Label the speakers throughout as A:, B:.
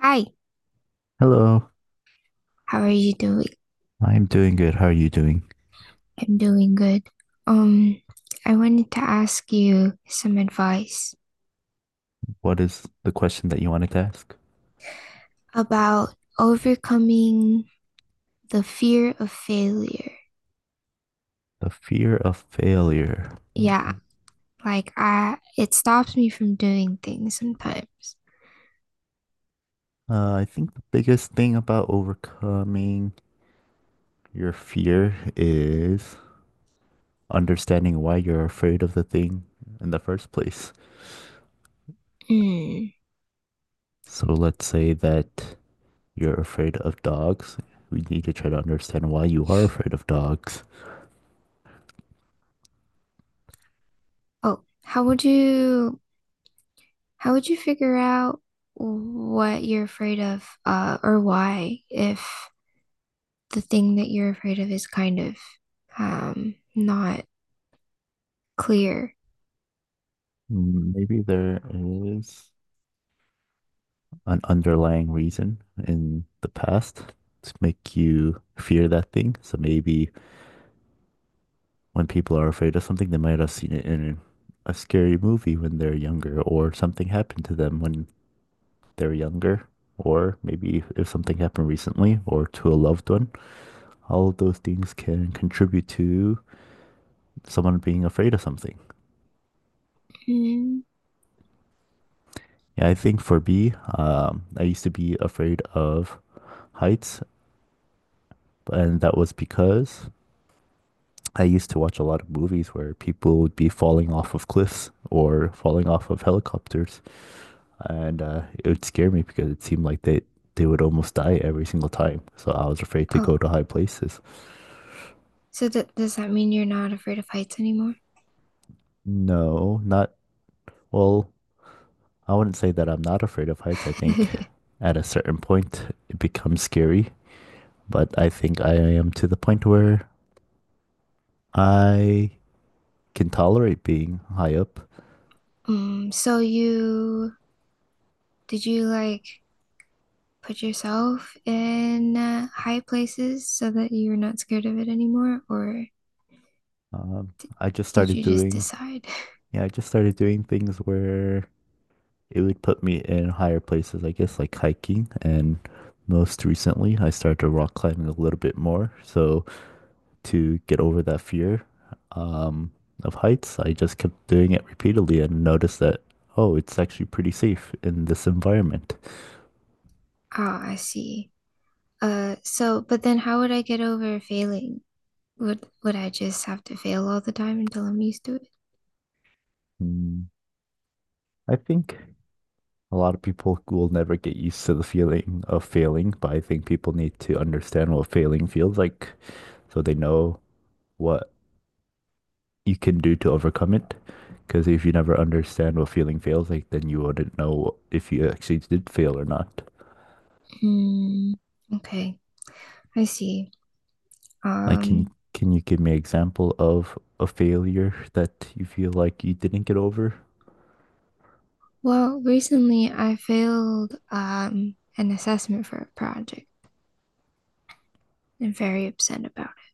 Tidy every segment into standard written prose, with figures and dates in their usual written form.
A: Hi,
B: Hello,
A: how are you doing?
B: I'm doing good. How are you doing?
A: I'm doing good. Um, I wanted to ask you some advice
B: What is the question that you wanted to ask?
A: about overcoming the fear of failure.
B: The fear of failure. Mm,
A: Yeah,
B: mm.
A: like it stops me from doing things sometimes.
B: I think the biggest thing about overcoming your fear is understanding why you're afraid of the thing in the first place.
A: Hmm.
B: So let's say that you're afraid of dogs. We need to try to understand why you are afraid of dogs.
A: Oh, how would you figure out what you're afraid of, or why if the thing that you're afraid of is not clear?
B: Mm, maybe there is an underlying reason in the past to make you fear that thing. So maybe when people are afraid of something, they might have seen it in a scary movie when they're younger, or something happened to them when they're younger, or maybe if something happened recently or to a loved one. All of those things can contribute to someone being afraid of something.
A: Hmm.
B: Yeah, I think for me, I used to be afraid of heights, and that was because I used to watch a lot of movies where people would be falling off of cliffs or falling off of helicopters, and it would scare me because it seemed like they would almost die every single time. So I was afraid to go
A: Oh.
B: to high places.
A: So that does that mean you're not afraid of heights anymore?
B: No, not well. I wouldn't say that I'm not afraid of heights. I think at a certain point it becomes scary, but I think I am to the point where I can tolerate being high up.
A: So you did you like put yourself in high places so that you're not scared of it anymore, or
B: Um, I just
A: did
B: started
A: you just
B: doing,
A: decide?
B: yeah, I just started doing things where it would put me in higher places, I guess, like hiking. And most recently, I started to rock climbing a little bit more. So to get over that fear um, of heights, I just kept doing it repeatedly and noticed that, oh, it's actually pretty safe in this environment.
A: Ah, I see. So but then how would I get over failing? Would I just have to fail all the time until I'm used to it?
B: Mm, I think a lot of people will never get used to the feeling of failing, but I think people need to understand what failing feels like so they know what you can do to overcome it. Because if you never understand what feeling feels like, then you wouldn't know if you actually did fail or not.
A: Hmm. Okay, I see.
B: Like, can
A: Um,
B: can you give me an example of a failure that you feel like you didn't get over?
A: well, recently I failed an assessment for a project. I'm very upset about it.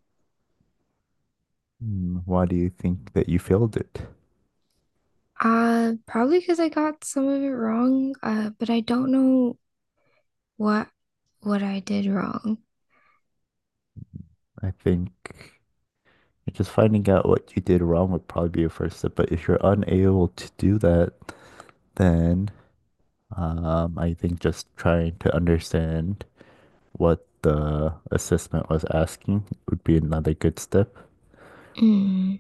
B: Hmm, why do you think that you failed it?
A: Probably because I got some of it wrong. But I don't know what what I did wrong.
B: I think just finding out what you did wrong would probably be a first step. But if you're unable to do that, then I think just trying to understand what the assessment was asking would be another good step.
A: Mm.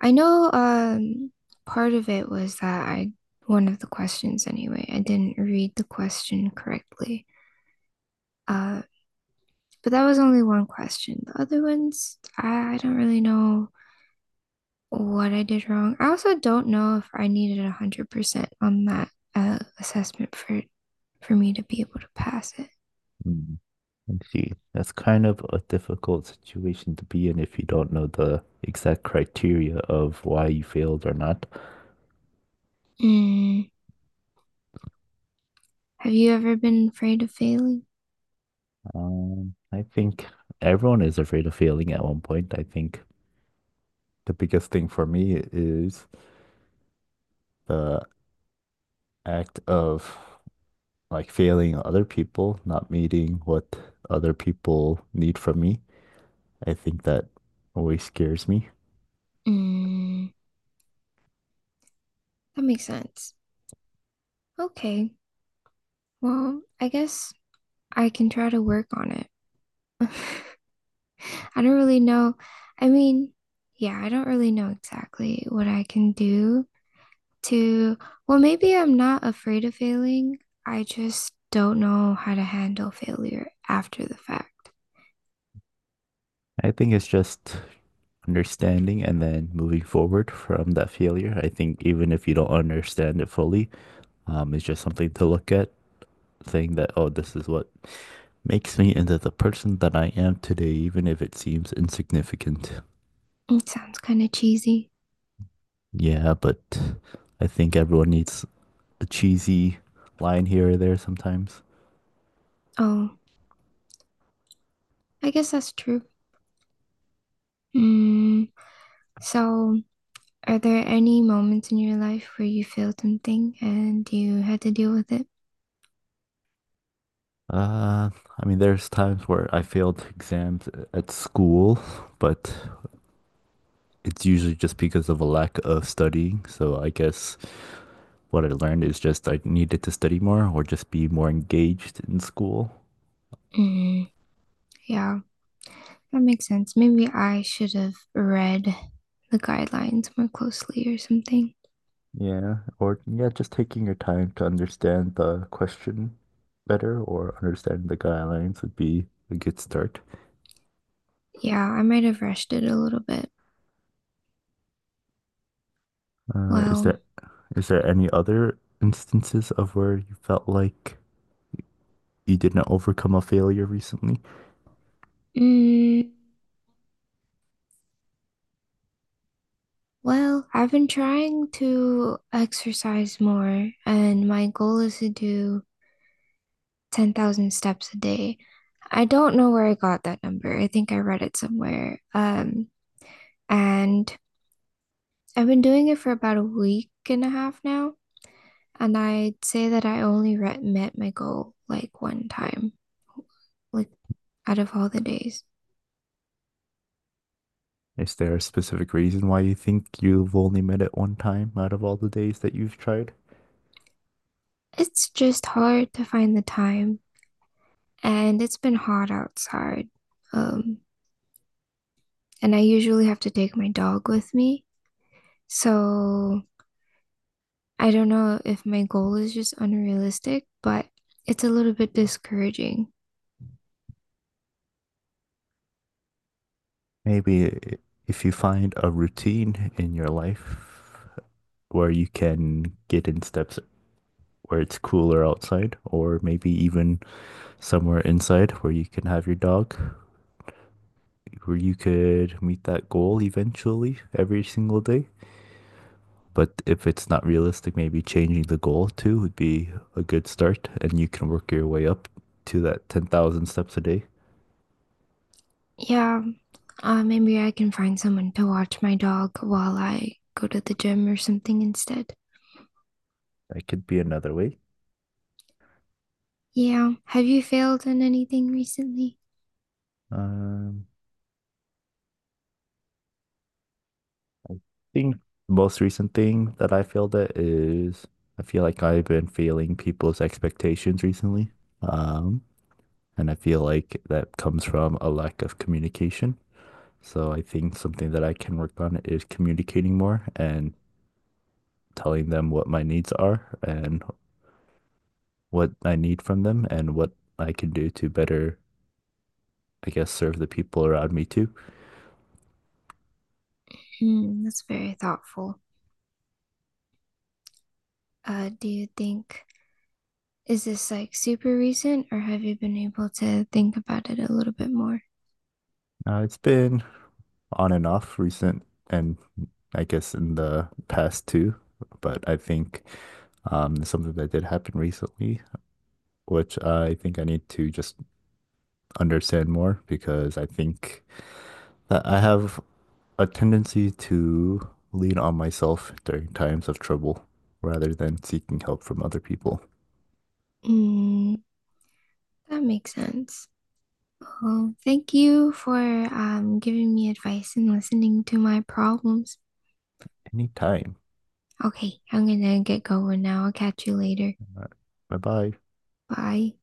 A: I know part of it was that I one of the questions anyway. I didn't read the question correctly. Uh, but that was only one question. The other ones, I don't really know what I did wrong. I also don't know if I needed 100% on that assessment for me to be able to pass it.
B: Hmm, let's see. That's kind of a difficult situation to be in if you don't know the exact criteria of why you failed or not.
A: Mm. Have you ever been afraid of failing?
B: I think everyone is afraid of failing at one point. I think the biggest thing for me is the act of like failing other people, not meeting what other people need from me. I think that always scares me.
A: Mm. That makes sense. Okay. Well, I guess I can try to work on it. I don't really know. I mean, yeah, I don't really know exactly what I can do to, well, maybe I'm not afraid of failing. I just don't know how to handle failure after the fact.
B: I think it's just understanding and then moving forward from that failure. I think even if you don't understand it fully, it's just something to look at, saying that, oh, this is what makes me into the person that I am today, even if it seems insignificant.
A: It sounds kind of cheesy.
B: Yeah, but I think everyone needs a cheesy line here or there sometimes.
A: Oh, I guess that's true. Mm, so are there any moments in your life where you failed something and you had to deal with it?
B: Uh, I mean, there's times where I failed exams at school, but it's usually just because of a lack of studying. So I guess what I learned is just I needed to study more or just be more engaged in school.
A: Mm, yeah, that makes sense. Maybe I should have read the guidelines more closely or something.
B: Yeah, or yeah, just taking your time to understand the question better or understand the guidelines would be a good start.
A: Yeah, I might have rushed it a little bit.
B: Uh, is
A: Well,
B: there is there any other instances of where you felt like you didn't overcome a failure recently?
A: mm, well, I've been trying to exercise more, and my goal is to do 10,000 steps a day. I don't know where I got that number. I think I read it somewhere. And I've been doing it for about a week and a half now, and I'd say that I only re met my goal like one time, like out of all the days.
B: Is there a specific reason why you think you've only met it one time out of all the days that you've tried?
A: It's just hard to find the time, and it's been hot outside. Um, and I usually have to take my dog with me, so I don't know if my goal is just unrealistic, but it's a little bit discouraging.
B: Maybe i- if you find a routine in your life where you can get in steps where it's cooler outside, or maybe even somewhere inside where you can have your dog, where you could meet that goal eventually every single day. But if it's not realistic, maybe changing the goal too would be a good start, and you can work your way up to that 10,000 steps a day.
A: Yeah, uh, maybe I can find someone to watch my dog while I go to the gym or something instead.
B: That could be another way.
A: Yeah. Have you failed in anything recently?
B: Um, thing, the most recent thing that I failed at is I feel like I've been failing people's expectations recently. Um, and I feel like that comes from a lack of communication. So I think something that I can work on is communicating more and telling them what my needs are and what I need from them and what I can do to better, I guess, serve the people around me too.
A: Hmm, that's very thoughtful. Uh, do you think, is this like super recent, or have you been able to think about it a little bit more?
B: It's been on and off recent and I guess in the past too, but I think something that did happen recently, which I think I need to just understand more because I think that I have a tendency to lean on myself during times of trouble rather than seeking help from other people.
A: Hmm, that makes sense. Well, thank you for giving me advice and listening to my problems.
B: Anytime.
A: Okay, I'm gonna get going now. I'll catch you later.
B: All right. Bye bye.
A: Bye.